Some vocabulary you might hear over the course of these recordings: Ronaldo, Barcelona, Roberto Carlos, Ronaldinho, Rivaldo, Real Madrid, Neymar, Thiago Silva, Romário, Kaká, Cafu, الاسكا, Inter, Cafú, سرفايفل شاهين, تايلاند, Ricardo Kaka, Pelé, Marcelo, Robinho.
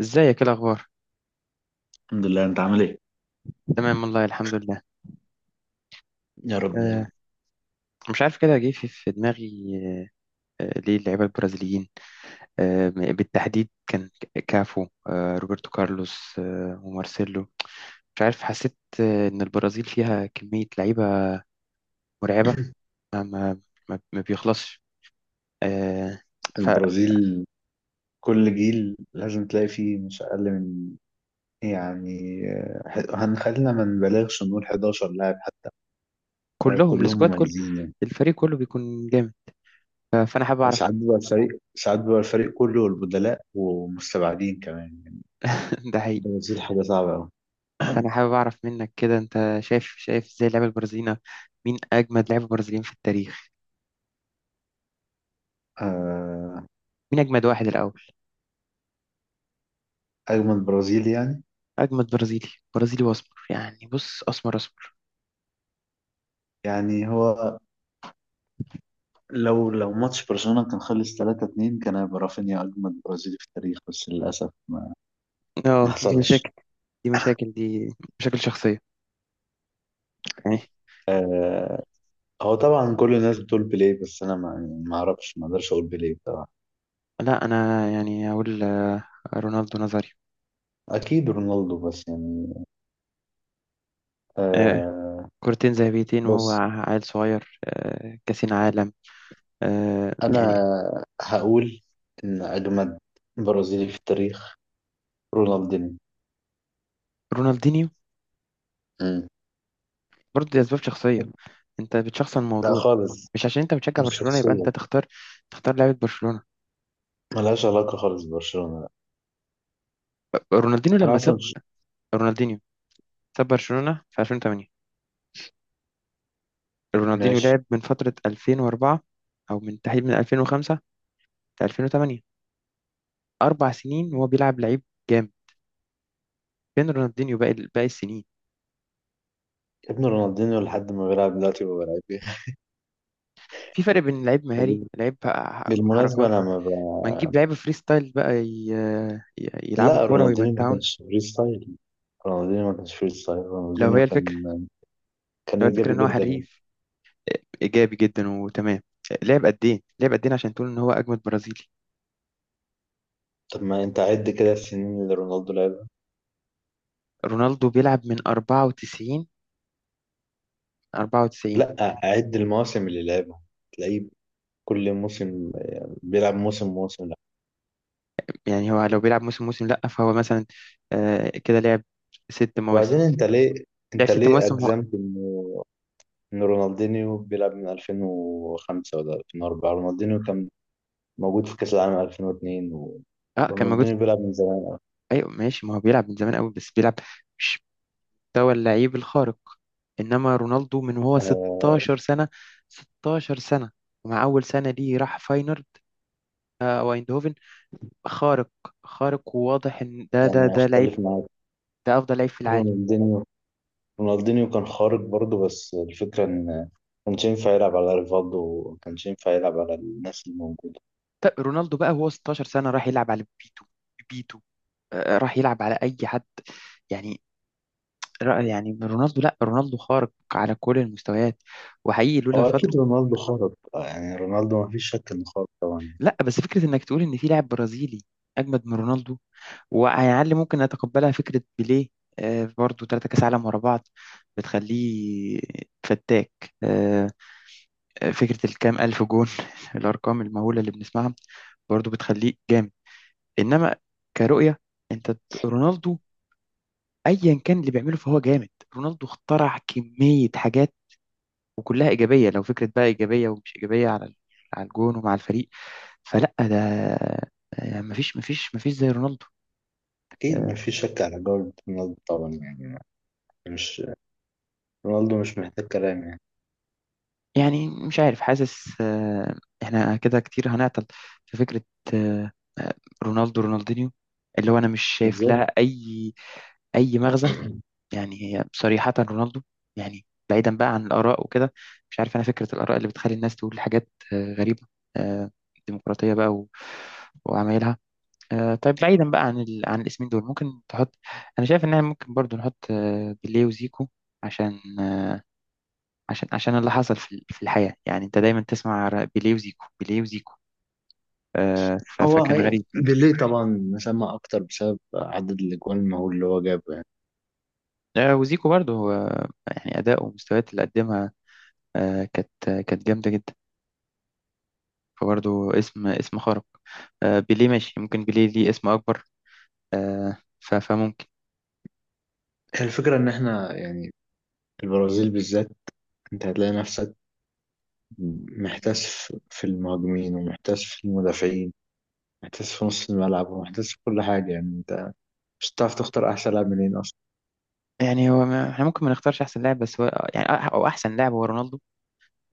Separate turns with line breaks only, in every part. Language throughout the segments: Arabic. ازيك؟ ايه الاخبار؟
الحمد لله، انت عامل ايه؟
تمام والله، الحمد لله.
يا رب دايما.
أه، مش عارف، كده جه في دماغي. ليه اللعيبه البرازيليين بالتحديد؟ كان كافو، روبرتو كارلوس، ومارسيلو. مش عارف، حسيت ان البرازيل فيها كميه لعيبه مرعبه. ما ما ما بيخلصش. أه.
البرازيل، كل جيل لازم تلاقي فيه مش أقل من إيه يعني هنخلينا ما نبالغش نقول 11 لاعب حتى.
فكلهم،
كلهم
السكواد كله،
مميزين يعني.
الفريق كله بيكون جامد. فانا حابب اعرف.
ساعات بيبقى الفريق ساعات بيبقى الفريق كله والبدلاء ومستبعدين كمان يعني.
ده حقيقي.
البرازيل حاجة صعبة أوي.
فانا حابب اعرف منك كده، انت شايف ازاي اللعيبه البرازيليين؟ مين اجمد لعيبه برازيليين في التاريخ؟
آه،
مين اجمد واحد الاول؟
أجمل برازيل يعني.
اجمد برازيلي، برازيلي واسمر يعني، بص، اسمر اسمر.
يعني هو لو ماتش برشلونة كان خلص 3-2، كان هيبقى رافينيا أجمل برازيلي في التاريخ بس للأسف ما
اه، دي
حصلش.
مشاكل دي مشاكل دي مشاكل شخصيه، يعني.
آه، هو طبعا كل الناس بتقول بيليه بس انا ما يعني ما اعرفش ما اقدرش اقول بيليه طبعا.
لا، انا يعني اقول رونالدو نظري.
اكيد رونالدو بس يعني.
آه
آه
كورتين ذهبيتين وهو
بص،
عيل صغير، كاسين عالم.
انا
يعني.
هقول ان اجمد برازيلي في التاريخ رونالدينيو.
رونالدينيو؟
مم.
برضه دي اسباب شخصيه، انت بتشخصن
لا
الموضوع.
خالص،
مش عشان انت بتشجع
مش
برشلونه يبقى
شخصية،
انت تختار، تختار لعيبه برشلونه.
ملهاش علاقة خالص ببرشلونة لا.
رونالدينيو
أنا
لما ساب،
أصلا
رونالدينيو ساب برشلونه في 2008. رونالدينيو
ماشي.
لعب من فترة 2004، أو من تحديد من 2005 ل 2008، 4 سنين وهو بيلعب لعيب جامد. فين رونالدينيو باقي السنين؟
ابن رونالدينيو لحد ما بيلعب دلوقتي ما بلعب بيه.
في فرق بين لعيب مهاري،
وب-
لعيب
بالمناسبة
حركات.
أنا ما
ما نجيب
ب...
لعيبة فري ستايل بقى يلعبوا
لا،
كورة ويمتعونا.
رونالدينيو ما كانش فري ستايل،
لو
رونالدينيو
هي
كان
الفكرة،
كان
لو هي الفكرة
ايجابي
إن هو
جدا يعني.
حريف، إيجابي جدا وتمام، لعب قد إيه؟ لعب قد إيه عشان تقول إن هو أجمد برازيلي؟
طب ما انت عد كده السنين اللي رونالدو لعبها.
رونالدو بيلعب من 94، 94.
لا، عد المواسم اللي لعبها، تلاقيه كل موسم بيلعب موسم موسم لا.
يعني هو لو بيلعب موسم موسم لأ، فهو مثلا، كده لعب 6 مواسم.
وبعدين انت ليه
لعب
انت
ست
ليه
مواسم هو.
اجزمت انه ان رونالدينيو بيلعب من 2005 ولا 2004، رونالدينيو كان موجود في كاس العالم 2002
اه، كان موجود.
رونالدينيو بيلعب من زمان.
ايوه ماشي، ما هو بيلعب من زمان قوي، بس بيلعب مش مستوى اللعيب الخارق. انما رونالدو من وهو
آه،
16 سنة، 16 سنة، ومع اول سنة دي راح فاينورد او ايندهوفن. خارق، خارق وواضح ان ده ده
يعني
ده لعيب،
اختلف معاك.
ده افضل لعيب في العالم.
رونالدينيو رونالدينيو كان خارق برضه بس الفكرة إن ما كانش ينفع يلعب على ريفالدو وما كانش ينفع يلعب على الناس الموجودة.
طب رونالدو بقى وهو 16 سنة راح يلعب على بيتو، بيتو، راح يلعب على اي حد. يعني يعني رونالدو، لا رونالدو خارق على كل المستويات، وحقيقي لولا
هو
فترة.
أكيد رونالدو خارق، يعني رونالدو ما فيش شك إنه خارق طبعا.
لا، بس فكرة انك تقول ان في لاعب برازيلي اجمد من رونالدو، وعلى الاقل ممكن اتقبلها فكرة بيليه، برضو 3 كاس عالم ورا بعض بتخليه فتاك. آه، فكرة الكام ألف جون الأرقام المهولة اللي بنسمعها برضو بتخليه جامد. إنما كرؤية، أنت رونالدو أيا كان اللي بيعمله فهو جامد. رونالدو اخترع كمية حاجات وكلها ايجابيه، لو فكره بقى ايجابيه ومش ايجابيه على على الجون ومع الفريق. فلا ده، مفيش زي رونالدو.
أكيد ما
آه،
فيش شك على جودة رونالدو طبعا يعني. مش رونالدو مش محتاج كلام يعني.
يعني مش عارف، حاسس احنا كده كتير هنعطل في فكره، آه، آه، رونالدو رونالدينيو، اللي هو انا مش شايف لها
بالظبط.
اي مغزى. يعني هي صريحه رونالدو. يعني بعيدا بقى عن الاراء وكده، مش عارف، انا فكره الاراء اللي بتخلي الناس تقول حاجات غريبه. آه، ديمقراطيه بقى وعمايلها. طيب، بعيدا بقى عن عن الاسمين دول ممكن تحط، انا شايف ان احنا ممكن برضو نحط بيليه وزيكو، عشان عشان اللي حصل في في الحياة، يعني انت دايما تسمع بيليه وزيكو، بيليه وزيكو.
هو
فكان غريب.
بيليه طبعا مسمى أكتر بسبب عدد الأجوان المهول اللي هو جابه يعني.
وزيكو برضو، يعني اداء ومستويات اللي قدمها كانت، كانت جامدة جدا. فبرضو اسم خارق. بيليه ماشي، ممكن بيليه ليه اسم اكبر. فممكن.
هي الفكرة إن إحنا يعني، البرازيل بالذات، أنت هتلاقي نفسك محتاس في المهاجمين ومحتاس في المدافعين، محتاس في نص الملعب ومحتاس في كل حاجة، يعني انت مش هتعرف تختار أحسن لاعب منين أصلا.
يعني هو ما... احنا ممكن ما نختارش احسن لاعب، بس هو يعني او احسن لاعب هو رونالدو،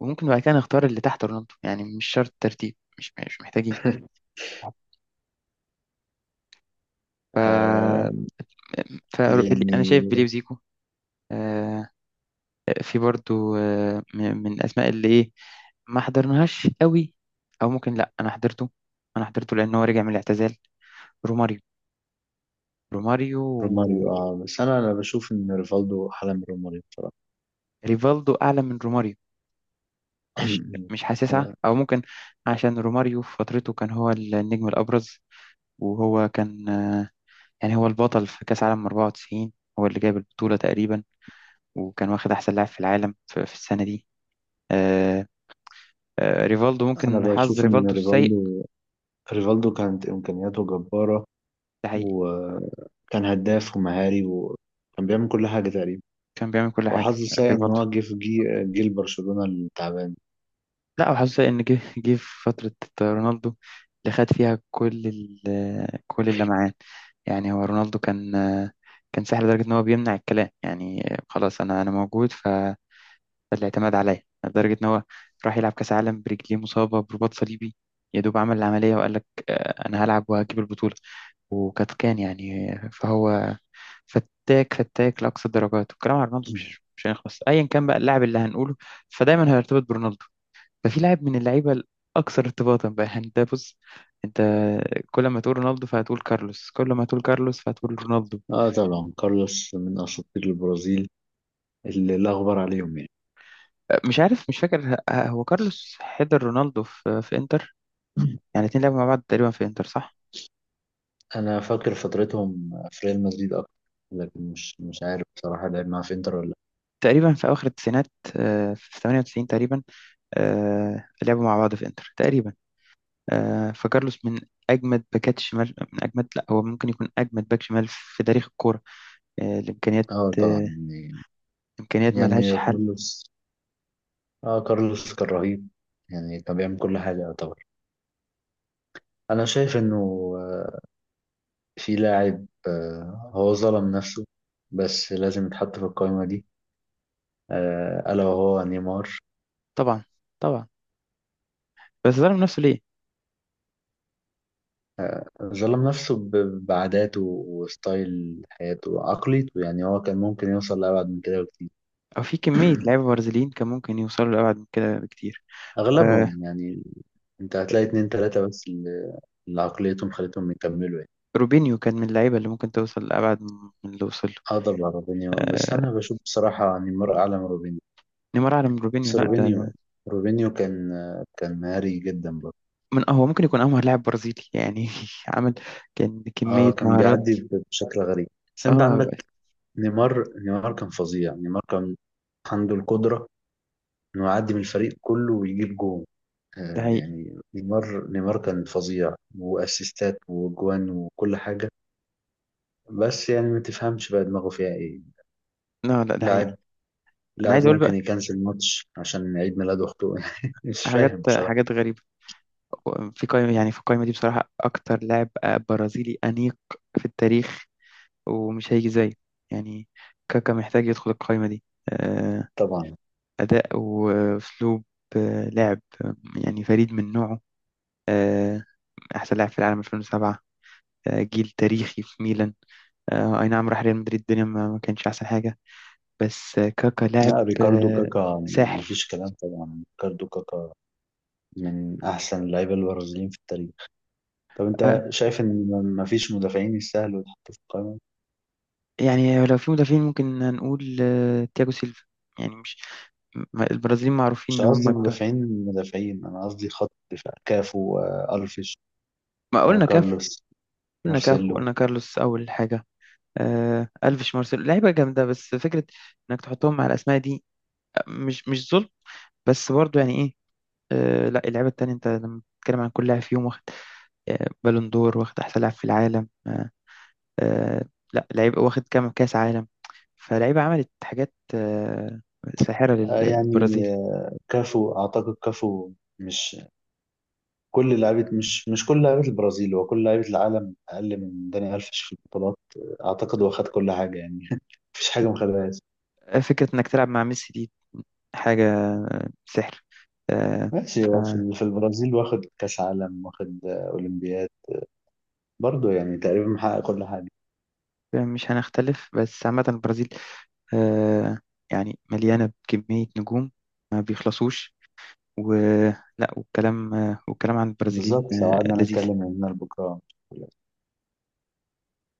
وممكن بعد كده نختار اللي تحت رونالدو، يعني مش شرط ترتيب، مش محتاجين. ف...
آه
ف انا شايف بيليه
يعني
وزيكو، آه، في برضو من الاسماء اللي ايه، ما حضرناهاش قوي، او ممكن لا انا حضرته، انا حضرته لان هو رجع من الاعتزال. روماريو، روماريو
روماريو. اه، بس أنا بشوف إن ريفالدو أحلى من روماريو بصراحة.
ريفالدو اعلى من روماريو، مش مش حاسسها،
آه،
او ممكن عشان روماريو في فترته كان هو النجم الابرز، وهو كان يعني هو البطل في كاس عالم 94، هو اللي جايب البطولة تقريبا، وكان واخد أحسن لاعب في العالم في السنة دي. آه. آه، ريفالدو
أنا
ممكن حظ
بشوف إن
ريفالدو السيء.
ريفالدو كانت إمكانياته جبارة،
ده حقيقي.
وكان هداف ومهاري وكان بيعمل كل حاجة تقريبا،
كان بيعمل كل حاجة
وحظه سيء إن
ريفالدو.
هو جه في جيل برشلونة التعبان.
لا، وحظه سيء إن جه في فترة رونالدو، اللي خد فيها كل كل اللمعان. يعني هو رونالدو كان، كان ساحر لدرجة إن هو بيمنع الكلام، يعني خلاص، أنا موجود. فالاعتماد عليا لدرجة إن هو راح يلعب كأس عالم برجليه مصابة برباط صليبي. يا دوب عمل العملية وقال لك أنا هلعب وهجيب البطولة. وكانت، كان يعني، فهو فتاك، فتاك لأقصى الدرجات. والكلام على رونالدو مش مش هيخلص، أيا كان بقى اللاعب اللي هنقوله فدايما هيرتبط برونالدو. ففي لاعب من اللعيبة الأكثر ارتباطا بقى، يعني ده، بص، أنت كل ما تقول رونالدو فهتقول كارلوس، كل ما تقول كارلوس فهتقول رونالدو.
اه طبعا، كارلوس من أساطير البرازيل اللي لا غبار عليهم يعني.
مش عارف، مش فاكر هو كارلوس حضر رونالدو في إنتر؟ يعني الاتنين لعبوا مع بعض تقريبا في إنتر، صح؟
انا فاكر فترتهم في ريال مدريد اكتر، لكن مش عارف بصراحه لعب معاه في انتر ولا لا.
تقريبا في أواخر التسعينات، في 98 تقريبا، لعبوا مع بعض في إنتر تقريبا. فكارلوس من اجمد باكات الشمال، من اجمد، لا، هو ممكن يكون اجمد باك شمال في تاريخ الكوره. الامكانيات،
اه طبعا
آه،
يعني
امكانيات ملهاش
يعني
حل.
كارلوس، اه كارلوس كان رهيب يعني، كان بيعمل كل حاجه يعتبر. انا شايف انه آه، في لاعب هو ظلم نفسه بس لازم يتحط في القائمه دي، الا وهو نيمار.
طبعا، طبعا. بس ظلم نفسه ليه؟
ظلم نفسه بعاداته وستايل حياته وعقليته يعني هو كان ممكن يوصل لأبعد من كده بكتير.
او في كميه لعيبه برازيليين كان ممكن يوصلوا لابعد من كده بكتير. آه،
اغلبهم يعني، انت هتلاقي اتنين تلاتة بس اللي عقليتهم خلتهم يكملوا يعني.
روبينيو كان من اللعيبه اللي ممكن توصل لابعد من اللي وصل له.
اه طبعا روبينيو، بس انا
آه،
بشوف بصراحة يعني مر اعلى من روبينيو.
نيمار اعلى من روبينيو،
بس
لا، ده
روبينيو كان مهاري جدا برضه.
من هو ممكن يكون امهر لاعب برازيلي يعني. عمل، كان
اه
كميه
كان
مهارات.
بيعدي بشكل غريب. بس انت
اه.
عندك نيمار كان فظيع، نيمار كان عنده القدرة انه يعدي من الفريق كله ويجيب جون.
ده حقيقي.
يعني نيمار كان فظيع واسيستات وجوان وكل حاجة. بس يعني ما تفهمش بقى دماغه فيها ايه.
لا، لا، ده حقيقي.
لاعب
انا
لاعب
عايز اقول
ممكن
بقى،
يكنسل الماتش عشان عيد ميلاد اخته. مش
حاجات
فاهم بصراحة.
حاجات غريبه. في قائمة، يعني في القائمة دي بصراحة أكتر لاعب برازيلي أنيق في التاريخ ومش هيجي زيه، يعني كاكا محتاج يدخل القائمة دي. آه،
طبعا.
أداء وأسلوب، لعب يعني فريد من نوعه. آه، أحسن لاعب في العالم 2007، جيل تاريخي في ميلان. أي نعم، راح ريال مدريد، الدنيا ما كانش أحسن حاجة. بس كاكا لاعب
لا، ريكاردو كاكا
ساحر.
مفيش كلام، طبعا ريكاردو كاكا من احسن اللعيبة البرازيليين في التاريخ. طب
آه،
انت شايف ان مفيش مدافعين يستاهلوا يتحطوا في القائمة؟
يعني لو في مدافعين ممكن هنقول تياجو سيلفا، يعني مش، البرازيليين معروفين
مش
إن
قصدي
هم بتوع.
مدافعين مدافعين، انا قصدي خط دفاع كافو، الفيش،
ما قلنا كاف،
كارلوس،
قلنا كاف
مارسيلو.
وقلنا كارلوس أول حاجة. آه، ألفيش، مارسيلو، لعيبة جامدة، بس فكرة إنك تحطهم مع الأسماء دي، مش ظلم، بس برضو يعني إيه. آه، لا، اللعيبة التانية أنت لما بتتكلم عن كل لاعب فيهم واخد آه بالون دور، واخد أحسن لاعب في العالم، آه، آه، لا، لعيب واخد كام كأس عالم؟ فلعيبة عملت حاجات آه ساحرة
يعني
للبرازيل.
كافو اعتقد كافو، مش مش كل لعيبه البرازيل هو كل لعيبه العالم اقل من داني الفيش في البطولات. اعتقد هو خد كل حاجه يعني. مفيش حاجه ما خدهاش.
فكرة إنك تلعب مع ميسي دي حاجة، سحر. آه،
ماشي،
ف
هو في البرازيل واخد كاس عالم واخد اولمبياد، برضه يعني تقريبا محقق كل حاجه.
مش هنختلف، بس عامة البرازيل آه، يعني مليانة بكمية نجوم ما بيخلصوش، ولا، والكلام والكلام عن البرازيليين
بالظبط، لو قعدنا
لذيذ.
نتكلم من هنا لبكره.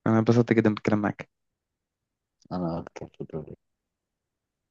أنا انبسطت جدا بالكلام معاك.
انا اكتر في الدوري.